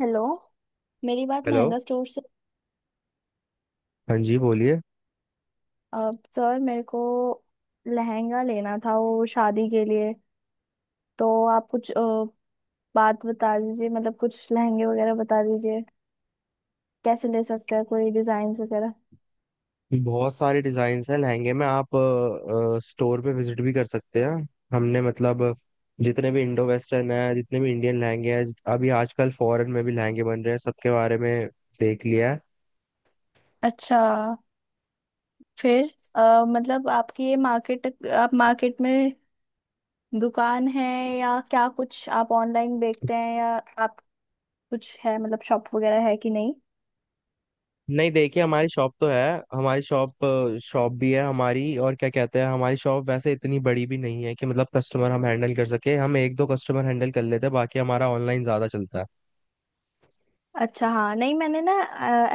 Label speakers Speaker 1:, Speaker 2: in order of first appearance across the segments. Speaker 1: Hello. मेरी बात
Speaker 2: hello.
Speaker 1: Lehenga store से।
Speaker 2: हाँ जी, बोलिए।
Speaker 1: सर, मेरे को लहंगा लेना था वो शादी के लिए। तो आप कुछ बात बता दीजिए, मतलब कुछ लहंगे वगैरह बता दीजिए, कैसे ले सकते हैं, कोई डिजाइन वगैरह।
Speaker 2: बहुत सारे डिजाइन हैं लहंगे में, आप स्टोर पे विजिट भी कर सकते हैं। हमने मतलब जितने भी इंडो वेस्टर्न है, जितने भी इंडियन लहंगे हैं, अभी आजकल फॉरेन में भी लहंगे बन रहे हैं, सबके बारे में देख लिया है।
Speaker 1: अच्छा। फिर मतलब आपकी ये मार्केट, आप मार्केट में दुकान है, या क्या कुछ आप ऑनलाइन बेचते हैं, या आप कुछ है मतलब शॉप वगैरह है कि नहीं?
Speaker 2: नहीं, देखिए, हमारी शॉप तो है। हमारी शॉप शॉप भी है हमारी, और क्या कहते हैं, हमारी शॉप वैसे इतनी बड़ी भी नहीं है कि मतलब कस्टमर हम हैंडल कर सके। हम एक दो कस्टमर हैंडल कर लेते हैं, बाकी हमारा ऑनलाइन ज्यादा चलता है।
Speaker 1: अच्छा हाँ, नहीं मैंने ना,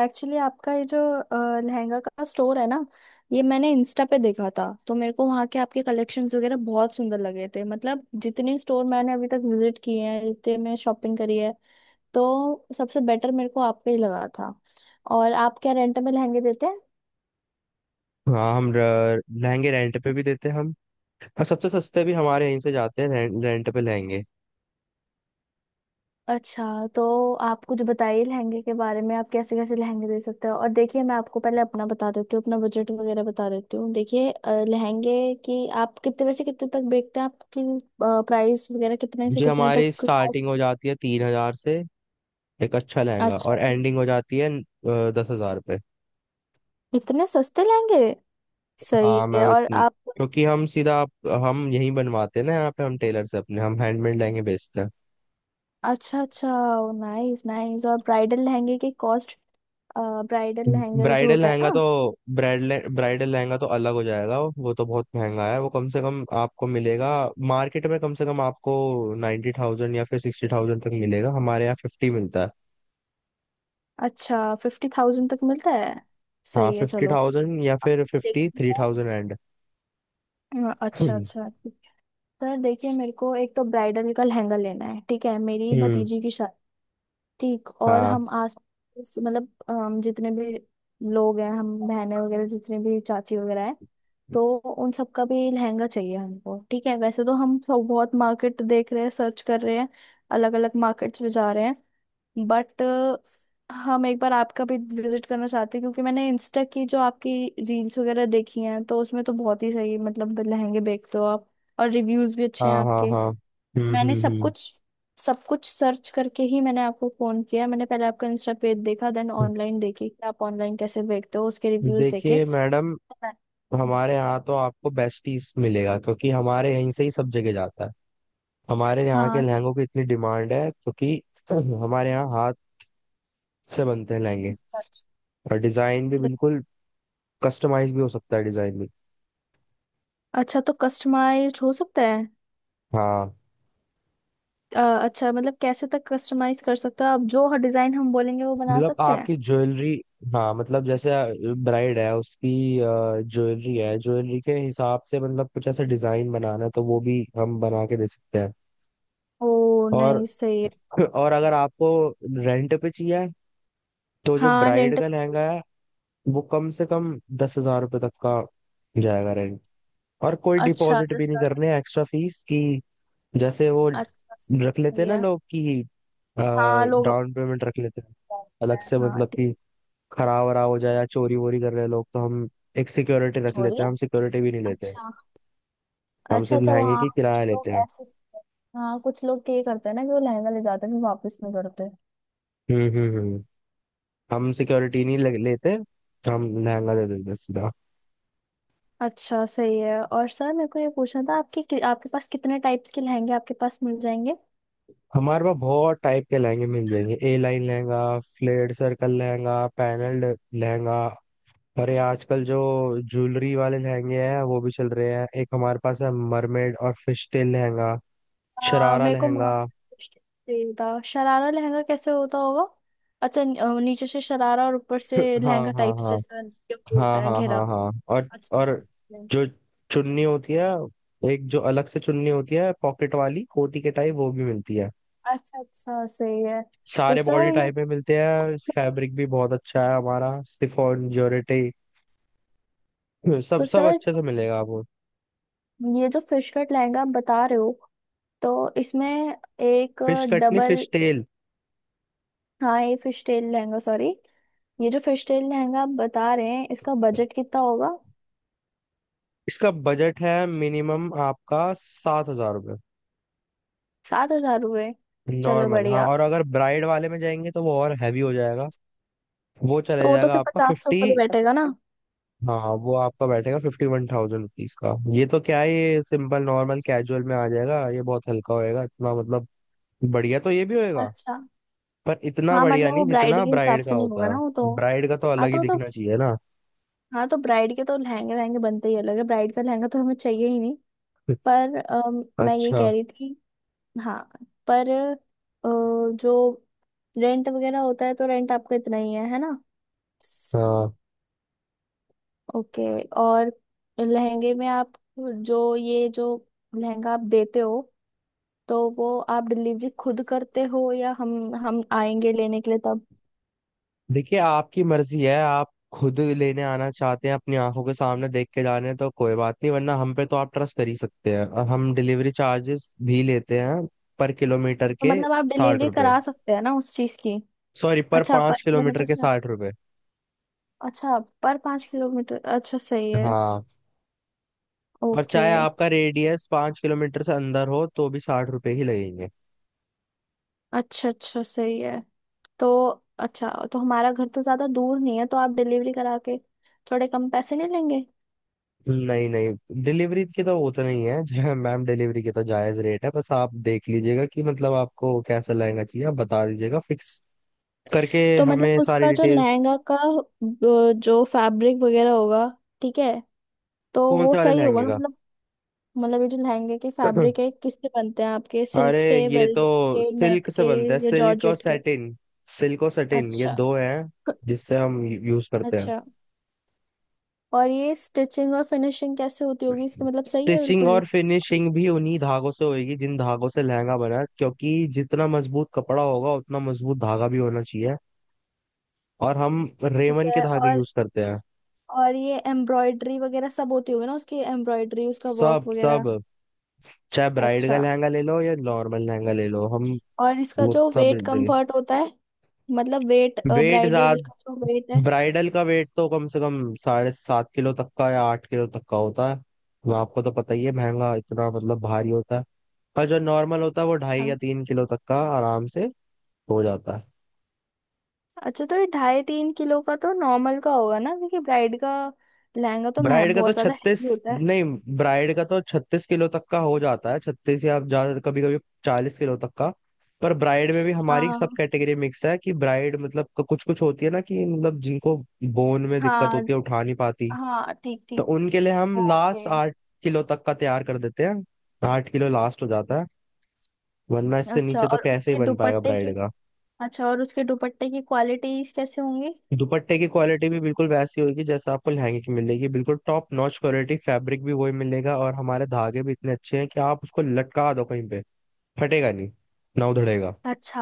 Speaker 1: एक्चुअली आपका ये जो लहंगा का स्टोर है ना, ये मैंने इंस्टा पे देखा था, तो मेरे को वहाँ के आपके कलेक्शंस वगैरह बहुत सुंदर लगे थे। मतलब जितने स्टोर मैंने अभी तक विजिट किए हैं, जितने मैं शॉपिंग करी है, तो सबसे बेटर मेरे को आपका ही लगा था। और आप क्या रेंट में लहंगे देते हैं?
Speaker 2: हाँ, हम लहंगे रेंट पे भी देते हैं हम, और सबसे सस्ते भी हमारे यहीं से जाते हैं, रेंट पे लहंगे।
Speaker 1: अच्छा। तो आप कुछ बताइए लहंगे के बारे में, आप कैसे कैसे लहंगे दे सकते हो। और देखिए, मैं आपको पहले अपना बता देती हूँ, अपना बजट वगैरह बता देती हूँ। देखिए लहंगे की आप कितने, वैसे कितने तक बेचते हैं? आपकी प्राइस वगैरह कितने से
Speaker 2: जी,
Speaker 1: कितने
Speaker 2: हमारी
Speaker 1: तक
Speaker 2: स्टार्टिंग हो जाती है 3 हजार से एक अच्छा लहंगा,
Speaker 1: अच्छा,
Speaker 2: और एंडिंग हो जाती है 10 हजार पे।
Speaker 1: इतने सस्ते लहंगे!
Speaker 2: हाँ
Speaker 1: सही है।
Speaker 2: मैम,
Speaker 1: और
Speaker 2: इतनी
Speaker 1: आप,
Speaker 2: क्योंकि हम सीधा हम यहीं बनवाते हैं ना, यहाँ पे हम टेलर से अपने हम हैंडमेड लहंगे बेचते हैं।
Speaker 1: अच्छा अच्छा, नाइस नाइस। और ब्राइडल लहंगे की कॉस्ट? ब्राइडल लहंगे जो
Speaker 2: ब्राइडल
Speaker 1: होता है
Speaker 2: लहंगा तो,
Speaker 1: ना।
Speaker 2: ब्राइडल ब्राइडल लहंगा तो अलग हो जाएगा, वो तो बहुत महंगा है। वो कम से कम आपको मिलेगा मार्केट में, कम से कम आपको 90 थाउजेंड या फिर 60 थाउजेंड तक मिलेगा, हमारे यहाँ फिफ्टी मिलता है।
Speaker 1: अच्छा, 50,000 तक मिलता है।
Speaker 2: हाँ,
Speaker 1: सही है,
Speaker 2: फिफ्टी
Speaker 1: चलो।
Speaker 2: थाउजेंड या
Speaker 1: अब
Speaker 2: फिर फिफ्टी
Speaker 1: देखिए
Speaker 2: थ्री थाउजेंड एंड।
Speaker 1: अच्छा
Speaker 2: हम्म।
Speaker 1: अच्छा ठीक है। सर देखिए, मेरे को एक तो ब्राइडल का लहंगा लेना है, ठीक है? मेरी
Speaker 2: हम्म,
Speaker 1: भतीजी की शादी। ठीक। और
Speaker 2: हाँ
Speaker 1: हम आस मतलब जितने भी लोग हैं, हम बहनें वगैरह, जितने भी चाची वगैरह हैं, तो उन सबका भी लहंगा चाहिए हमको। ठीक है, वैसे तो हम सब बहुत मार्केट देख रहे हैं, सर्च कर रहे हैं, अलग अलग मार्केट्स में जा रहे हैं। बट हम एक बार आपका भी विजिट करना चाहते हैं, क्योंकि मैंने इंस्टा की जो आपकी रील्स वगैरह देखी हैं, तो उसमें तो बहुत ही सही मतलब लहंगे बेचते हो आप, और रिव्यूज भी अच्छे हैं
Speaker 2: हाँ हाँ
Speaker 1: आपके।
Speaker 2: हाँ। हम्म
Speaker 1: मैंने सब
Speaker 2: हम्म
Speaker 1: कुछ, सब कुछ सर्च करके ही मैंने आपको फोन किया। मैंने पहले आपका इंस्टा पेज देखा, देन
Speaker 2: हम्म।
Speaker 1: ऑनलाइन देखी कि आप ऑनलाइन कैसे बेचते हो, उसके रिव्यूज देखे।
Speaker 2: देखिए मैडम,
Speaker 1: तो मैं-
Speaker 2: हमारे यहाँ तो आपको बेस्ट पीस मिलेगा क्योंकि हमारे यहीं से ही सब जगह जाता है। हमारे यहाँ के
Speaker 1: हाँ,
Speaker 2: लहंगों की इतनी डिमांड है, क्योंकि हमारे यहाँ से बनते हैं लहंगे।
Speaker 1: अच्छा
Speaker 2: और डिजाइन भी बिल्कुल कस्टमाइज भी हो सकता है, डिजाइन भी।
Speaker 1: अच्छा, तो कस्टमाइज्ड हो सकता है?
Speaker 2: हाँ
Speaker 1: अच्छा, मतलब कैसे तक कस्टमाइज कर सकते हो? आप जो डिजाइन हम बोलेंगे वो बना
Speaker 2: मतलब
Speaker 1: सकते हैं?
Speaker 2: आपकी ज्वेलरी, हाँ मतलब जैसे ब्राइड है, उसकी ज्वेलरी है, ज्वेलरी के हिसाब से मतलब कुछ ऐसा डिजाइन बनाना है तो वो भी हम बना के दे सकते हैं।
Speaker 1: ओ, नहीं
Speaker 2: और
Speaker 1: सही है।
Speaker 2: और अगर आपको रेंट पे चाहिए तो जो
Speaker 1: हाँ,
Speaker 2: ब्राइड
Speaker 1: रेंट।
Speaker 2: का लहंगा है, वो कम से कम 10 हजार रुपये तक का जाएगा रेंट। और कोई
Speaker 1: अच्छा,
Speaker 2: डिपॉजिट भी
Speaker 1: दस
Speaker 2: नहीं
Speaker 1: लाख
Speaker 2: करने, एक्स्ट्रा फीस की जैसे वो
Speaker 1: अच्छा
Speaker 2: रख लेते हैं
Speaker 1: सही
Speaker 2: ना
Speaker 1: है।
Speaker 2: लोग, कि
Speaker 1: हाँ, लोग अपने
Speaker 2: डाउन पेमेंट रख लेते हैं,
Speaker 1: जानते
Speaker 2: अलग से,
Speaker 1: हैं। हाँ
Speaker 2: मतलब
Speaker 1: ठीक।
Speaker 2: कि खराब वराब हो जाए या चोरी वोरी कर रहे हैं लोग, तो हम एक सिक्योरिटी रख लेते
Speaker 1: सॉरी।
Speaker 2: हैं। हम सिक्योरिटी भी नहीं लेते,
Speaker 1: अच्छा
Speaker 2: हम
Speaker 1: अच्छा।
Speaker 2: सिर्फ
Speaker 1: अच्छा,
Speaker 2: लहंगे
Speaker 1: वहाँ
Speaker 2: की
Speaker 1: कुछ
Speaker 2: किराया
Speaker 1: लोग
Speaker 2: लेते हैं।
Speaker 1: ऐसे, हाँ, कुछ लोग ये करते हैं ना कि वो लहंगा ले जाते हैं, फिर वापस नहीं करते।
Speaker 2: हम्म। हम सिक्योरिटी नहीं लेते। हम लहंगा दे देते हैं सीधा।
Speaker 1: अच्छा सही है। और सर मेरे को ये पूछना था आपके आपके पास कितने टाइप्स के लहंगे आपके पास मिल जाएंगे?
Speaker 2: हमारे पास बहुत टाइप के लहंगे मिल जाएंगे। A line lehenga, flared circle lehenga, panelled lehenga. अरे, आजकल जो ज्वेलरी वाले लहंगे हैं वो भी चल रहे हैं। एक हमारे पास है मरमेड और फिश टेल लहंगा, शरारा
Speaker 1: मेरे को
Speaker 2: लहंगा।
Speaker 1: मामा चाहिए था, शरारा लहंगा कैसे होता होगा? अच्छा, नीचे से शरारा और ऊपर से
Speaker 2: हाँ
Speaker 1: लहंगा
Speaker 2: हाँ
Speaker 1: टाइप्स
Speaker 2: हाँ
Speaker 1: जैसा, जो होता
Speaker 2: हाँ
Speaker 1: है
Speaker 2: हाँ
Speaker 1: घेरा।
Speaker 2: हाँ हाँ। और
Speaker 1: अच्छा
Speaker 2: और
Speaker 1: अच्छा,
Speaker 2: जो चुन्नी होती है, एक जो अलग से चुन्नी होती है पॉकेट वाली कोटी के टाइप, वो भी मिलती है।
Speaker 1: अच्छा अच्छा, सही है। तो
Speaker 2: सारे बॉडी
Speaker 1: सर ये
Speaker 2: टाइप में मिलते हैं, फैब्रिक भी बहुत अच्छा है हमारा, शिफॉन, जॉर्जेट, सब
Speaker 1: तो
Speaker 2: सब
Speaker 1: सर
Speaker 2: अच्छे से मिलेगा आपको।
Speaker 1: ये जो फिश कट लहंगा आप बता रहे हो, तो इसमें एक
Speaker 2: फिश कटनी,
Speaker 1: डबल,
Speaker 2: फिश टेल।
Speaker 1: हाँ ये फिश टेल लहंगा, सॉरी, ये जो फिश टेल लहंगा आप बता रहे हैं, इसका बजट कितना होगा?
Speaker 2: इसका बजट है मिनिमम आपका 7 हजार रुपये,
Speaker 1: 7,000 रुपये। चलो
Speaker 2: नॉर्मल। हाँ,
Speaker 1: बढ़िया।
Speaker 2: और अगर ब्राइड वाले में जाएंगे तो वो और हैवी हो जाएगा, वो चले
Speaker 1: तो वो तो
Speaker 2: जाएगा
Speaker 1: फिर
Speaker 2: आपका
Speaker 1: पचास सौ
Speaker 2: फिफ्टी।
Speaker 1: ऊपर ही बैठेगा ना?
Speaker 2: हाँ, वो आपका बैठेगा 51 थाउजेंड रुपीज का। ये तो क्या है, ये सिंपल नॉर्मल कैजुअल में आ जाएगा, ये बहुत हल्का होएगा इतना, मतलब बढ़िया तो ये भी होएगा,
Speaker 1: अच्छा।
Speaker 2: पर इतना
Speaker 1: हाँ,
Speaker 2: बढ़िया
Speaker 1: मतलब वो
Speaker 2: नहीं
Speaker 1: ब्राइड
Speaker 2: जितना
Speaker 1: के हिसाब
Speaker 2: ब्राइड का
Speaker 1: से नहीं होगा
Speaker 2: होता
Speaker 1: ना,
Speaker 2: है।
Speaker 1: वो तो,
Speaker 2: ब्राइड का तो
Speaker 1: हाँ
Speaker 2: अलग
Speaker 1: तो
Speaker 2: ही
Speaker 1: वो तो,
Speaker 2: दिखना चाहिए ना।
Speaker 1: हाँ तो ब्राइड के तो लहंगे वहंगे बनते ही अलग है ब्राइड का लहंगा तो हमें चाहिए ही नहीं। पर मैं ये कह
Speaker 2: अच्छा,
Speaker 1: रही थी, हाँ, पर जो रेंट वगैरह होता है, तो रेंट आपका इतना ही है ना?
Speaker 2: हाँ।
Speaker 1: ओके। और लहंगे में आप, जो ये जो लहंगा आप देते हो, तो वो आप डिलीवरी खुद करते हो, या हम आएंगे लेने के लिए तब?
Speaker 2: देखिए, आपकी मर्जी है, आप खुद लेने आना चाहते हैं, अपनी आंखों के सामने देख के जाने हैं तो कोई बात नहीं, वरना हम पे तो आप ट्रस्ट कर ही सकते हैं। और हम डिलीवरी चार्जेस भी लेते हैं, पर किलोमीटर
Speaker 1: तो
Speaker 2: के
Speaker 1: मतलब आप
Speaker 2: साठ
Speaker 1: डिलीवरी
Speaker 2: रुपए
Speaker 1: करा सकते हैं ना उस चीज की।
Speaker 2: सॉरी, पर
Speaker 1: अच्छा, पर
Speaker 2: 5 किलोमीटर
Speaker 1: किलोमीटर
Speaker 2: के
Speaker 1: से।
Speaker 2: 60।
Speaker 1: अच्छा, पर 5 किलोमीटर, अच्छा सही है।
Speaker 2: हाँ, और
Speaker 1: ओके।
Speaker 2: चाहे आपका रेडियस 5 किलोमीटर से अंदर हो तो भी 60 रुपए ही लगेंगे।
Speaker 1: अच्छा अच्छा सही है। तो अच्छा, तो हमारा घर तो ज़्यादा दूर नहीं है, तो आप डिलीवरी करा के थोड़े कम पैसे नहीं लेंगे?
Speaker 2: नहीं नहीं, डिलीवरी की तो वो तो नहीं है जो, मैम, डिलीवरी की तो जायज रेट है। बस आप देख लीजिएगा कि मतलब आपको कैसा लहंगा चाहिए, आप बता दीजिएगा फिक्स करके,
Speaker 1: तो मतलब
Speaker 2: हमें सारी
Speaker 1: उसका जो
Speaker 2: डिटेल्स।
Speaker 1: लहंगा का जो फैब्रिक वगैरह होगा, ठीक है, तो
Speaker 2: कौन
Speaker 1: वो
Speaker 2: से वाले
Speaker 1: सही होगा
Speaker 2: लहंगे
Speaker 1: ना,
Speaker 2: का?
Speaker 1: मतलब, मतलब ये जो लहंगे के फैब्रिक है किससे बनते हैं आपके, सिल्क
Speaker 2: अरे,
Speaker 1: से,
Speaker 2: ये
Speaker 1: वेलवेट
Speaker 2: तो
Speaker 1: के, नेट
Speaker 2: सिल्क से
Speaker 1: के,
Speaker 2: बनता है,
Speaker 1: या
Speaker 2: सिल्क और
Speaker 1: जॉर्जेट के?
Speaker 2: सैटिन। सिल्क और सैटिन, ये
Speaker 1: अच्छा
Speaker 2: दो हैं जिससे हम यूज करते हैं।
Speaker 1: अच्छा। और ये स्टिचिंग और फिनिशिंग कैसे होती होगी इसका, मतलब सही है
Speaker 2: स्टिचिंग
Speaker 1: बिल्कुल ही?
Speaker 2: और फिनिशिंग भी उन्हीं धागों से होगी जिन धागों से लहंगा बना है, क्योंकि जितना मजबूत कपड़ा होगा उतना मजबूत धागा भी होना चाहिए। और हम
Speaker 1: ठीक
Speaker 2: रेमन के
Speaker 1: है।
Speaker 2: धागे
Speaker 1: और
Speaker 2: यूज करते हैं।
Speaker 1: और ये एम्ब्रॉयडरी वगैरह सब होती होगी ना उसकी, एम्ब्रॉयडरी उसका वर्क
Speaker 2: सब
Speaker 1: वगैरह।
Speaker 2: सब, चाहे ब्राइड का
Speaker 1: अच्छा।
Speaker 2: लहंगा ले लो या नॉर्मल लहंगा ले लो, हम।
Speaker 1: और इसका
Speaker 2: वो
Speaker 1: जो
Speaker 2: सब।
Speaker 1: वेट कंफर्ट होता है, मतलब वेट,
Speaker 2: वेट
Speaker 1: ब्राइडल का
Speaker 2: ज्यादा।
Speaker 1: जो वेट है?
Speaker 2: ब्राइडल का वेट तो कम से कम 7.5 किलो तक का या 8 किलो तक का होता है। वो आपको तो पता ही है, महंगा इतना, मतलब भारी होता है। और जो नॉर्मल होता है वो ढाई
Speaker 1: हाँ।
Speaker 2: या 3 किलो तक का आराम से हो जाता है।
Speaker 1: अच्छा, तो ये ढाई तीन किलो का तो नॉर्मल का होगा ना, क्योंकि ब्राइड का लहंगा तो
Speaker 2: ब्राइड का तो
Speaker 1: बहुत ज्यादा
Speaker 2: छत्तीस,
Speaker 1: हैवी होता है।
Speaker 2: नहीं, ब्राइड का तो 36 किलो तक का हो जाता है, 36, या आप ज्यादा, कभी कभी 40 किलो तक का। पर ब्राइड में भी हमारी सब
Speaker 1: हाँ
Speaker 2: कैटेगरी मिक्स है, कि ब्राइड मतलब कुछ कुछ होती है ना, कि मतलब जिनको बोन में दिक्कत
Speaker 1: हाँ
Speaker 2: होती है, उठा नहीं पाती,
Speaker 1: हाँ, ठीक
Speaker 2: तो
Speaker 1: ठीक,
Speaker 2: उनके लिए हम लास्ट
Speaker 1: ओके।
Speaker 2: 8 किलो तक का तैयार कर देते हैं, 8 किलो लास्ट हो जाता है। वरना इससे
Speaker 1: अच्छा
Speaker 2: नीचे तो
Speaker 1: और
Speaker 2: कैसे ही
Speaker 1: उसके
Speaker 2: बन पाएगा
Speaker 1: दुपट्टे
Speaker 2: ब्राइड
Speaker 1: की
Speaker 2: का।
Speaker 1: अच्छा और उसके दुपट्टे की क्वालिटीज कैसे होंगी?
Speaker 2: दुपट्टे की क्वालिटी भी बिल्कुल वैसी होगी जैसा आपको लहंगे की मिलेगी, बिल्कुल टॉप नॉच क्वालिटी, फैब्रिक भी वही मिलेगा और हमारे धागे भी इतने अच्छे हैं कि आप उसको लटका दो कहीं पे, फटेगा नहीं, ना उधड़ेगा।
Speaker 1: अच्छा।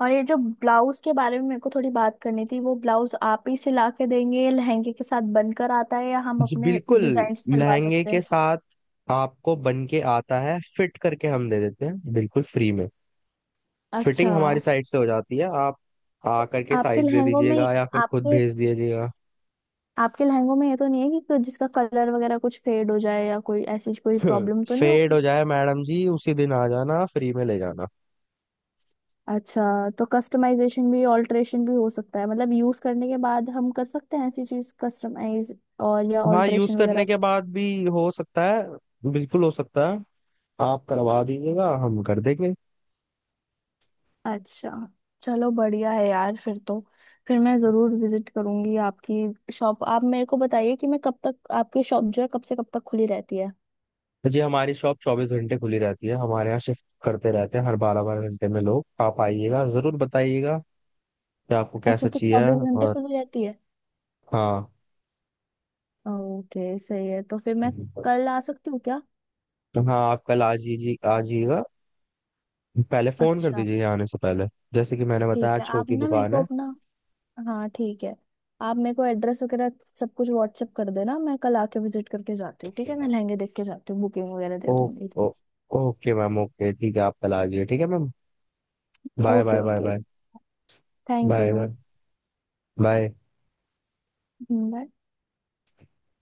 Speaker 1: और ये जो ब्लाउज के बारे में मेरे को थोड़ी बात करनी थी, वो ब्लाउज आप ही सिला के देंगे, लहंगे के साथ बनकर आता है, या हम
Speaker 2: जी
Speaker 1: अपने
Speaker 2: बिल्कुल,
Speaker 1: डिजाइन से सिलवा
Speaker 2: लहंगे
Speaker 1: सकते
Speaker 2: के
Speaker 1: हैं?
Speaker 2: साथ आपको बन के आता है, फिट करके हम दे देते हैं बिल्कुल फ्री में। फिटिंग
Speaker 1: अच्छा।
Speaker 2: हमारी साइड से हो जाती है, आप आ करके
Speaker 1: आपके
Speaker 2: साइज दे
Speaker 1: लहंगों में
Speaker 2: दीजिएगा या फिर खुद
Speaker 1: आपके
Speaker 2: भेज दीजिएगा।
Speaker 1: आपके लहंगों में ये तो नहीं है कि जिसका कलर वगैरह कुछ फेड हो जाए, या कोई ऐसी कोई प्रॉब्लम तो नहीं
Speaker 2: फेड
Speaker 1: होगी?
Speaker 2: हो जाए, मैडम जी उसी दिन आ जाना, फ्री में ले जाना।
Speaker 1: अच्छा, तो कस्टमाइजेशन भी, ऑल्टरेशन भी हो सकता है, मतलब यूज करने के बाद हम कर सकते हैं ऐसी चीज कस्टमाइज और या
Speaker 2: हाँ, यूज
Speaker 1: ऑल्टरेशन
Speaker 2: करने
Speaker 1: वगैरह?
Speaker 2: के बाद भी हो सकता है, बिल्कुल हो सकता है, आप करवा दीजिएगा हम कर देंगे।
Speaker 1: अच्छा, चलो बढ़िया है यार फिर तो। फिर मैं जरूर विजिट करूंगी आपकी शॉप। आप मेरे को बताइए कि मैं कब तक, आपकी शॉप जो है कब से कब तक खुली रहती है?
Speaker 2: जी, हमारी शॉप 24 घंटे खुली रहती है, हमारे यहाँ शिफ्ट करते रहते हैं हर बारह बारह घंटे में लोग, आप आइएगा जरूर, बताइएगा कि आपको
Speaker 1: अच्छा,
Speaker 2: कैसा
Speaker 1: तो
Speaker 2: चाहिए।
Speaker 1: 24 घंटे
Speaker 2: और
Speaker 1: खुली रहती है।
Speaker 2: हाँ,
Speaker 1: ओके सही है, तो फिर मैं कल आ सकती हूँ क्या?
Speaker 2: हाँ आप कल आ, जी आ जाइएगा, पहले फोन कर
Speaker 1: अच्छा
Speaker 2: दीजिए यहाँ आने से पहले, जैसे कि मैंने बताया
Speaker 1: ठीक है, आप
Speaker 2: छोटी
Speaker 1: ना मेरे
Speaker 2: दुकान
Speaker 1: को
Speaker 2: है।
Speaker 1: अपना, हाँ ठीक है, आप मेरे को एड्रेस वगैरह सब कुछ व्हाट्सएप कर देना। मैं कल आके विजिट करके जाती हूँ, ठीक है, मैं लहंगे देख के जाती हूँ, बुकिंग वगैरह दे
Speaker 2: ओ,
Speaker 1: दूंगी।
Speaker 2: ओ, ओके मैम, ओके, ठीक है, आप कल आ जाइए, ठीक है ma'am. Bye
Speaker 1: okay
Speaker 2: bye, bye
Speaker 1: okay,
Speaker 2: bye,
Speaker 1: thank
Speaker 2: bye
Speaker 1: you,
Speaker 2: bye, bye.
Speaker 1: Bye.